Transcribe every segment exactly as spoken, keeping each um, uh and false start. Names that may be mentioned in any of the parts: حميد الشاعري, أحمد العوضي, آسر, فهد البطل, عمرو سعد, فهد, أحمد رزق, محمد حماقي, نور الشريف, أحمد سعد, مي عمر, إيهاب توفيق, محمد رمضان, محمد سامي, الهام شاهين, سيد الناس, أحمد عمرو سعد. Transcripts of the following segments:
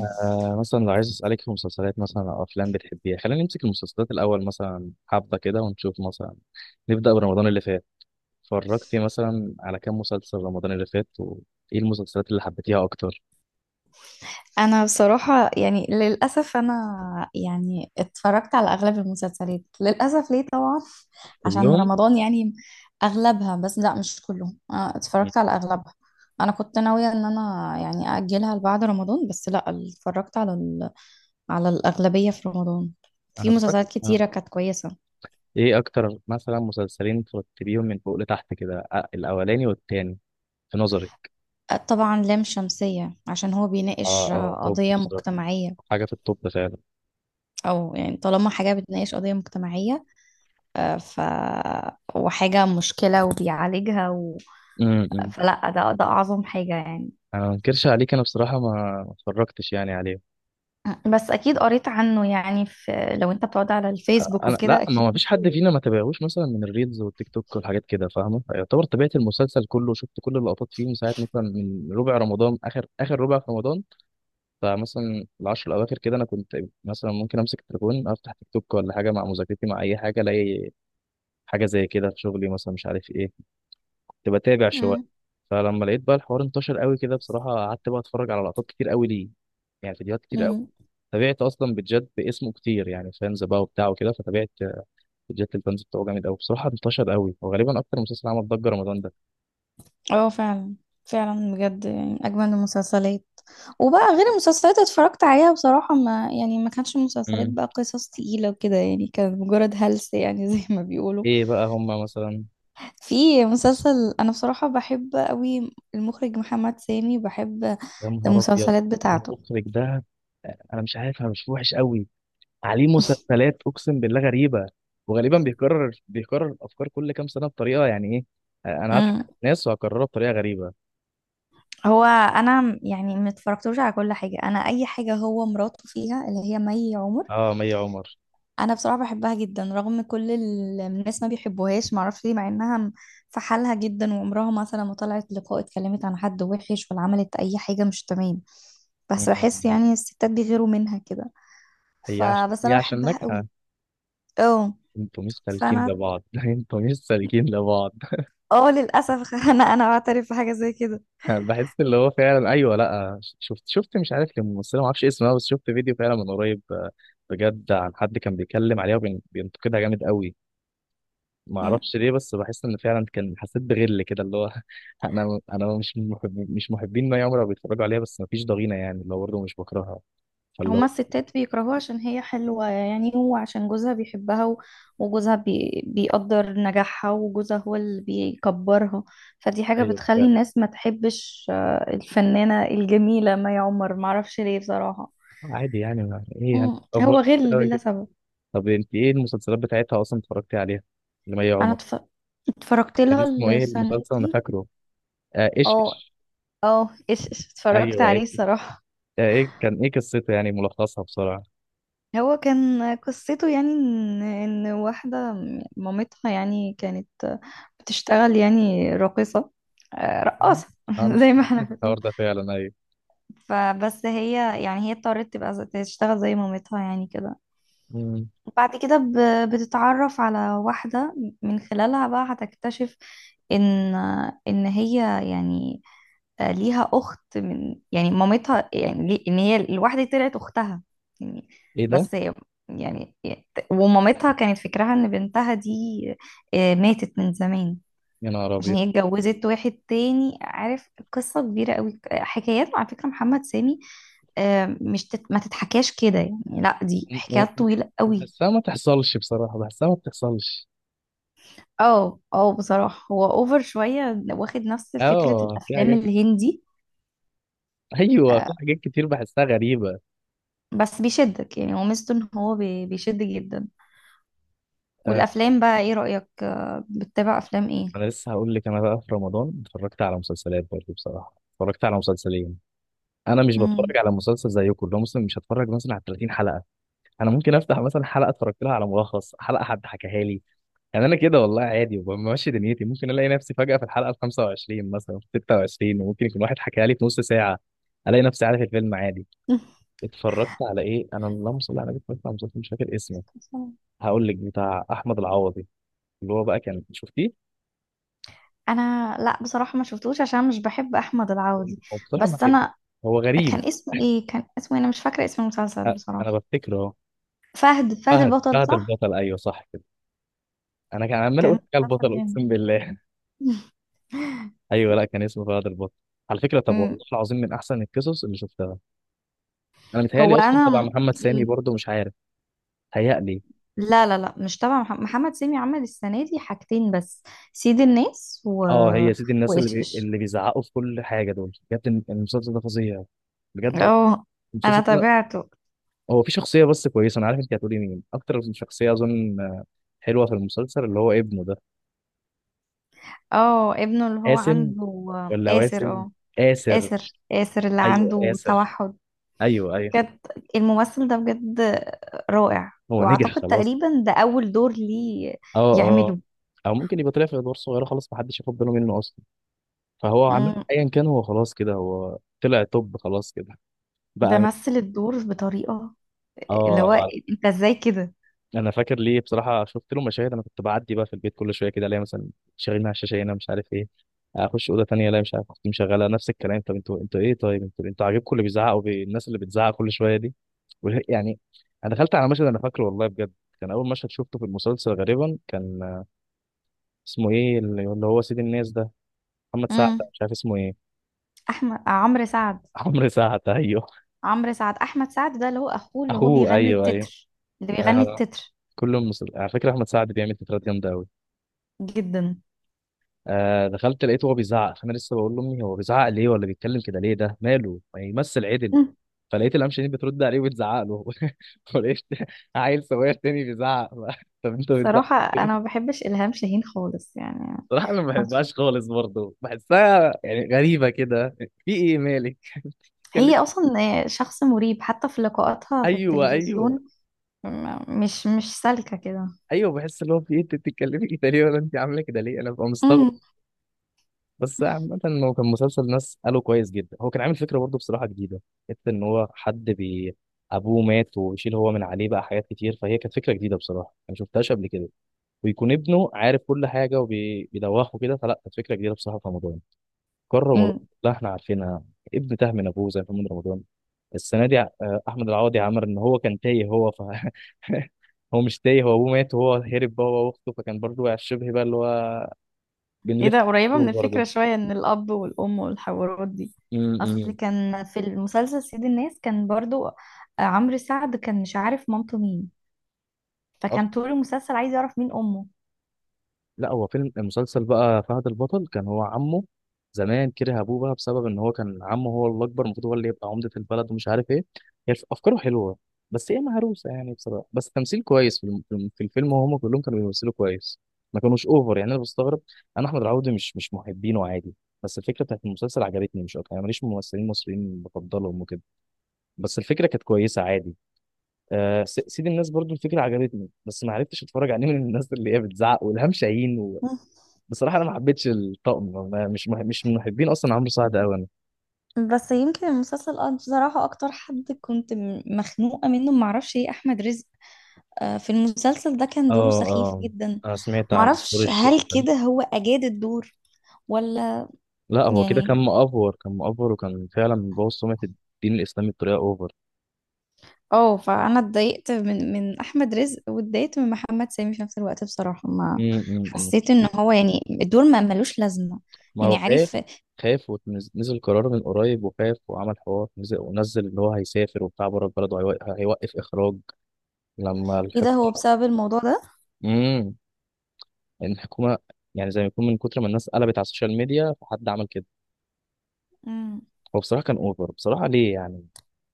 آه، مثلا لو عايز أسألك في مسلسلات مثلا أو أفلام بتحبيها، خلينا نمسك المسلسلات الأول مثلا حبة كده ونشوف مثلا. نبدأ برمضان اللي فات. اتفرجتي مثلا على كام مسلسل رمضان اللي فات؟ وإيه المسلسلات اللي حبيتيها أكتر؟ انا بصراحة يعني للأسف انا يعني اتفرجت على اغلب المسلسلات للأسف، ليه طبعا؟ عشان كلهم؟ رمضان يعني. اغلبها، بس لا، مش كلهم، أنا مم. اتفرجت على اغلبها. انا كنت ناوية ان انا يعني اجلها لبعد رمضان، بس لا، اتفرجت على ال... على الاغلبية في رمضان. في أنا اتفرجت. مسلسلات أنا- كتيرة كانت كويسة. إيه أكتر مثلا مسلسلين ترتبيهم من فوق لتحت كده؟ آه، الأولاني والتاني في نظري. آه، طبعا لام شمسية عشان هو آه بيناقش آه، آه، توب قضية بصراحة. مجتمعية. حاجة في التوب فعلا. او يعني طالما حاجة بتناقش قضية مجتمعية، آه، ف وحاجة مشكلة وبيعالجها و... امم. فلا ده ده أعظم حاجة يعني. أنا ما أنكرش عليك، أنا بصراحة ما ما اتفرجتش يعني عليهم. بس أكيد قريت عنه يعني في لو أنت بتقعد على الفيسبوك انا، وكده لا، ما أكيد هو فيش حد بتشوف. فينا ما تابعهوش مثلا من الريلز والتيك توك والحاجات كده، فاهمه، يعتبر تابعت المسلسل كله، شفت كل اللقطات فيه من ساعه مثلا، من ربع رمضان، اخر اخر ربع في رمضان. فمثلا العشر الاواخر كده انا كنت، مثلا ممكن امسك التليفون، افتح تيك توك ولا حاجه مع مذاكرتي، مع اي حاجه الاقي حاجه زي كده في شغلي، مثلا مش عارف ايه، كنت بتابع شويه. مم. فلما لقيت بقى الحوار انتشر قوي كده بصراحه، قعدت بقى اتفرج على لقطات كتير قوي، ليه، يعني فيديوهات كتير قوي. مم. تابعت اصلا بجد باسمه كتير، يعني فانز بقى وبتاع وكده، فتابعت. جاك البنز بتاعه جامد قوي بصراحه، انتشر قوي، وغالبا اكتر مسلسل عمل ضجه رمضان ده. اه فعلا، فعلا بجد يعني أجمل المسلسلات. وبقى غير المسلسلات اتفرجت عليها بصراحة، ما يعني ما كانتش مسلسلات، امم. بقى قصص تقيلة وكده، يعني كانت مجرد هلس يعني زي ما بيقولوا. ايه بقى هما مثلا؟ في مسلسل، أنا بصراحة بحب قوي المخرج محمد سامي، بحب يا نهار ابيض. المسلسلات بتاعته. المخرج ده، انا مش عارف، انا مش وحش قوي، عليه مسلسلات اقسم بالله غريبه. وغالبا بيكرر بيكرر الافكار كل كام سنه بطريقه، يعني ايه، آه، انا هضحك امم على الناس وهكررها بطريقه غريبه. هو انا م- يعني ما اتفرجتوش على كل حاجه، انا اي حاجه هو مراته فيها، اللي هي مي عمر. اه، مي عمر. انا بصراحه بحبها جدا رغم كل ال- الناس ما بيحبوهاش، ما اعرفش ليه، مع انها م- في حالها جدا، وعمرها مثلا ما طلعت لقاء اتكلمت عن حد وحش، ولا عملت اي حاجه مش تمام، بس أمم. بحس يعني الستات بيغيروا منها كده، هي عشان، فبس هي انا عشان بحبها قوي. ناجحه. اه. انتوا مش سالكين فانا لبعض انتوا مش سالكين لبعض. اه للاسف انا انا بعترف بحاجه زي كده. بحس اللي هو فعلا ايوه، لا، شفت شفت مش عارف، كان ممثله ما اعرفش اسمها، بس شفت فيديو فعلا من قريب آه، بجد، عن حد كان بيتكلم عليها وبينتقدها جامد قوي، ما اعرفش ليه. بس بحس ان فعلا كان، حسيت بغل كده اللي هو انا انا مش محب مش محبين ما عمر بيتفرجوا عليها، بس ما فيش ضغينه يعني، اللي هو برضه مش بكرهها. فاللي هما هو، الستات بيكرهوها عشان هي حلوة يعني، هو عشان جوزها بيحبها و- وجوزها بي... بيقدر نجاحها، وجوزها هو اللي بيكبرها. فدي حاجة ايوه بتخلي فعلا. الناس ما تحبش آه، الفنانة الجميلة مي عمر، معرفش ليه بصراحة. عادي يعني، ما ايه يعني، مم. أفور هو غل أوي بلا كده. سبب. طب انت ايه المسلسلات بتاعتها اصلا اتفرجتي عليها، لمي انا عمر؟ اتف... اتفرجت كان لها اسمه ايه السنة المسلسل؟ انا دي. فاكره. آه، ايش اه. ايش. اه، ايش إيش، اتفرجت ايوه. عليه يعني الصراحة. ايه، كان ايه قصته يعني، ملخصها بسرعة. هو كان قصته يعني ان إن واحده، مامتها يعني كانت بتشتغل يعني راقصه، آه، مم. رقاصه انا مش، زي ما أنا احنا عارف الحوار بنقول. ده فعلا، ايوه. فبس هي يعني هي اضطرت تبقى زي- تشتغل زي مامتها يعني كده. مم. بعد كده ب- بتتعرف على واحدة، من خلالها بقى هتكتشف ان ان هي يعني آه، ليها اخت من يعني مامتها، يعني ليه- ان هي الواحدة دي طلعت اختها يعني. ايه ده. بس هي- يعني، ومامتها كانت فكرها ان بنتها دي آه، ماتت من زمان، يا نهار عشان ابيض. هي اتجوزت واحد تاني، عارف؟ قصة كبيرة قوي، حكايات على فكرة محمد سامي، آه، مش تت... ما تتحكاش كده يعني. لا، دي م- حكايات م- طويلة قوي. بحسها ما تحصلش بصراحة، بحسها ما بتحصلش. اه اه بصراحة، هو اوفر شوية، واخد نفس فكرة اه في الافلام حاجات. الهندي، ايوه، في آه، حاجات كتير بحسها غريبة. بس بيشدك يعني، هو ميزته ان هو بي- بيشد جدا. آه، والافلام بقى، ايه رأيك؟ آه، بتتابع افلام ايه؟ انا لسه هقول لك، انا بقى في رمضان اتفرجت على مسلسلات برضه، بصراحة اتفرجت على مسلسلين. انا مش مم. بتفرج على مسلسل زيكم، لو مسلم مش هتفرج مثلا على ثلاثين حلقة. انا ممكن افتح مثلا حلقة، اتفرجت لها على ملخص حلقة حد حكاها لي، يعني انا كده والله عادي وبمشي دنيتي، ممكن الاقي نفسي فجأة في الحلقة ال خمسة وعشرين مثلا، في ستة وعشرين، وممكن يكون واحد حكى لي في نص ساعة، الاقي نفسي عارف الفيلم عادي. اتفرجت على ايه انا؟ اللهم صل على النبي. اتفرجت على مسلسل مش فاكر اسمه، هقول لك، بتاع احمد العوضي، اللي هو بقى، كان شفتيه؟ انا لا، بصراحة ما شفتوش عشان مش بحب احمد العوضي. هو بصراحة ما بس كده، انا، هو غريب. كان اسمه ايه؟ كان اسمه إيه؟ انا مش فاكرة اسم المسلسل أ- انا بصراحة. بفتكره أهو. فهد فهد فهد البطل، فهد صح؟ البطل، ايوه صح كده. انا كان عمال كان اقول حكى مسلسل البطل، جامد. اقسم بالله. ايوه، لا كان اسمه فهد البطل، على فكرة. طب مم. والله العظيم من احسن القصص اللي شفتها. انا هو متهيألي اصلا تبع انا، محمد سامي برضه، مش عارف، هيألي. لا لا لا، مش تبع مح- محمد سامي. عمل السنة دي حاجتين بس: سيد الناس و... اه، هي سيدي الناس، اللي وإيش بي... إيش. اللي بيزعقوا في كل حاجه دول، بجد الم- المسلسل ده فظيع. بجد اه، أنا المسلسل ده. تابعته. هو في شخصيه بس كويسه، انا عارف انت هتقولي مين، اكتر شخصيه اظن حلوه في المسلسل، اللي هو ابنه ده، اه، ابنه اللي هو قاسم عنده ولا آسر. واسم، اه، آسر. آسر آسر اللي ايوه عنده آسر. توحد. ايوه ايوه. بجد الممثل ده بجد رائع. هو نجح وأعتقد خلاص، تقريبا ده أول دور ليه اه اه. يعمله. او ممكن يبقى طلع في ادوار صغيره خلاص محدش ياخد باله منه اصلا، فهو عامه مم. ايا كان، هو خلاص كده، هو طلع توب خلاص كده ده بقى، مثل الدور بطريقة، اللي هو، اه. أنت إزاي كده. انا فاكر ليه بصراحه، شفت له مشاهد، انا كنت بعدي بقى في البيت كل شويه كده، الاقي مثلا شغالين على الشاشه هنا مش عارف ايه، اخش اوضه تانية الاقي مش عارف، كنت مشغله نفس الكلام. طب انتوا انتوا ايه، طيب انتوا انتوا عاجبكم اللي بيزعق والناس اللي بتزعق كل شويه دي؟ وال- يعني. انا دخلت على مشهد انا فاكره والله بجد، كان اول مشهد شفته في المسلسل غالبا، كان اسمه ايه، اللي اللي هو سيد الناس ده، محمد سعد، مم. مش عارف اسمه ايه. أحمد عمرو سعد. عمرو سعد، ايوه. عمرو سعد، احمد سعد ده اللي هو اخوه، اللي هو اخوه، بيغني ايوه ايوه. التتر. اللي بيغني آه. التتر. كل المسل... على فكره احمد سعد بيعمل تترات جامده قوي. جدا. آه، دخلت لقيته هو بيزعق، فانا لسه بقول لامي هو بيزعق ليه، ولا بيتكلم كده ليه، ده ماله ما يمثل عدل؟ مم. فلقيت الامشني بترد عليه وبتزعق له ولقيت عيل صغير تاني بيزعق طب انت بتزعق صراحة ليه؟ انا ما بحبش الهام شاهين خالص يعني. صراحه انا ما ما- بحبهاش خالص برضه، بحسها يعني غريبه كده، في ايه مالك، اتكلم. هي اصلا شخص مريب، حتى في لقاءاتها في ايوه ايوه التلفزيون. م- مش مش سالكة كده. ايوه بحس اللي هو في ايه، انت بتتكلمي كده ليه، ولا انت عامله كده ليه؟ انا ببقى مستغرب. امم بس عامة، هو كان مسلسل، ناس قالوا كويس جدا. هو كان عامل فكرة برضه بصراحة جديدة، حتة إن هو حد بي، أبوه مات ويشيل هو من عليه بقى حاجات كتير، فهي كانت فكرة جديدة بصراحة، أنا ما شفتهاش قبل كده. ويكون ابنه عارف كل حاجة وبيدوخه كده، فلا كانت فكرة جديدة بصراحة في رمضان. قرر رمضان، أمم. لا، إحنا عارفينها. ابن تاه من أبوه، زي محمد رمضان السنة دي، آه، أحمد العوضي عمل إن هو كان تايه، هو ف هو مش تايه، هو أبوه مات وهو هرب بقى هو وأخته، فكان برضه شبه بقى، اللي هو ايه بنلف ده، قريبة دور من برضه، الفكرة شوية، ان الاب والام والحوارات دي. اصل امم. كان في المسلسل سيد الناس كان برضو عمرو سعد كان مش عارف مامته مين، فكان طول المسلسل عايز يعرف مين امه. لا، هو فيلم المسلسل بقى فهد البطل، كان هو عمه زمان كره ابوه بقى، بسبب ان هو كان عمه، هو الاكبر المفروض هو اللي يبقى عمده البلد ومش عارف ايه. هي الف- افكاره حلوه، بس هي مهروسه يعني بصراحه، بس تمثيل كويس في الم- في الم- في الفيلم، وهم كلهم كانوا بيمثلوا كويس، ما كانوش اوفر يعني انا بستغرب. انا احمد العوضي مش مش محبينه عادي، بس الفكره بتاعت المسلسل عجبتني مش اكتر، انا ماليش ممثلين مصريين بفضلهم وكده، بس الفكره كانت كويسه عادي. آه، س- سيد الناس برضو الفكره عجبتني، بس ما عرفتش اتفرج عليه من الناس اللي هي بتزعق والهام شاهين. مم. بصراحه انا ما حبيتش الطقم، ما- مش مح... مش من محبين اصلا عمرو سعد قوي انا، بس يمكن المسلسل اه بصراحة، أكتر حد كنت م- مخنوقة منه معرفش ايه، أحمد رزق. آه، في المسلسل ده كان دوره اه سخيف اه. جدا. انا سمعت عن نور معرفش الشريف هل ده. كده هو أجاد الدور ولا. لا هو كده كان يعني مأفور، كان مأفور، وكان فعلا مبوظ سمعة الدين الإسلامي بطريقة أوفر. اه فأنا اتضايقت من من أحمد رزق، واتضايقت من محمد سامي في نفس الوقت بصراحة. ما أمم، أمم، أمم. حسيت إن هو يعني الدور ما ملوش لازمة، ما هو يعني خايف، عارف؟ خايف ونزل قرار من قريب وخاف وعمل حوار، نزل ونزل إن هو هيسافر وبتاع بره البلد وهيوقف إخراج لما ايه ده؟ هو الحكومة. بسبب الموضوع ده؟ امم. الحكومة، يعني زي ما يكون من كتر ما الناس قلبت على السوشيال ميديا فحد عمل كده. مم. هو بصراحه كان اوفر بصراحه، ليه يعني؟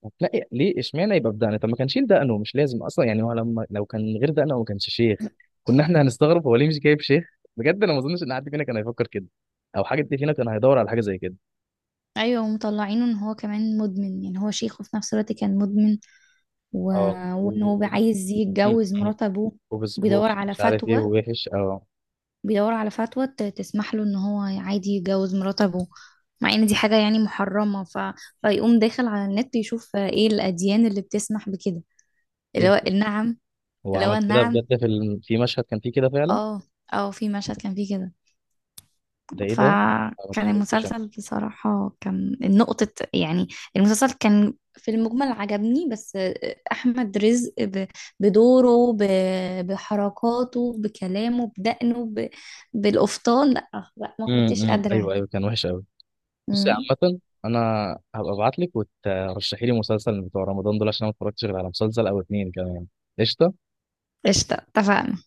هتلاقي ليه اشمعنى يبقى بدقنه؟ طب ما كان شيل دقنه، مش لازم اصلا يعني، هو لما لو كان من غير دقنه، هو ما كانش شيخ، كنا احنا هنستغرب هو ليه مش جايب شيخ. بجد انا ما اظنش ان حد فينا كان هيفكر كده، او حد فينا كان هيدور على حاجه زي كده. ايوه ومطلعينه ان هو كمان مدمن، يعني هو شيخ وفي نفس الوقت كان مدمن و... اه، وان و- هو عايز م- يتجوز م. مرات ابوه. بيدور وبسبوس على مش عارف ايه، فتوى ووحش اه. بيدور على فتوى ت- تسمح له ان هو عادي يتجوز مرات ابوه، مع ان دي حاجة يعني محرمة. ف... فيقوم داخل على النت يشوف ايه الاديان اللي بتسمح بكده، ايه اللي هو ده، النعم. هو اللي هو عمل كده النعم. بجد؟ في الم... في مشهد كان فيه كده فعلا. اه اه، في مشهد كان فيه كده. ده ايه ده، أنا ما فكان اتفرجتش أنا. المسلسل بصراحة كان نقطة يعني. المسلسل كان في المجمل عجبني، بس أحمد رزق ب- بدوره، ب- بحركاته، بكلامه، بدقنه، ب- بالقفطان، لا لا، ما م- كنتش م. قادرة. ايوه ايوه كان وحش قوي. بصي مم. عامة، أنا هبقى أبعتلك وترشحي لي مسلسل من بتوع رمضان دول، عشان أنا ما اتفرجتش غير على مسلسل أو اتنين كمان. قشطة. قشطة، اتفقنا.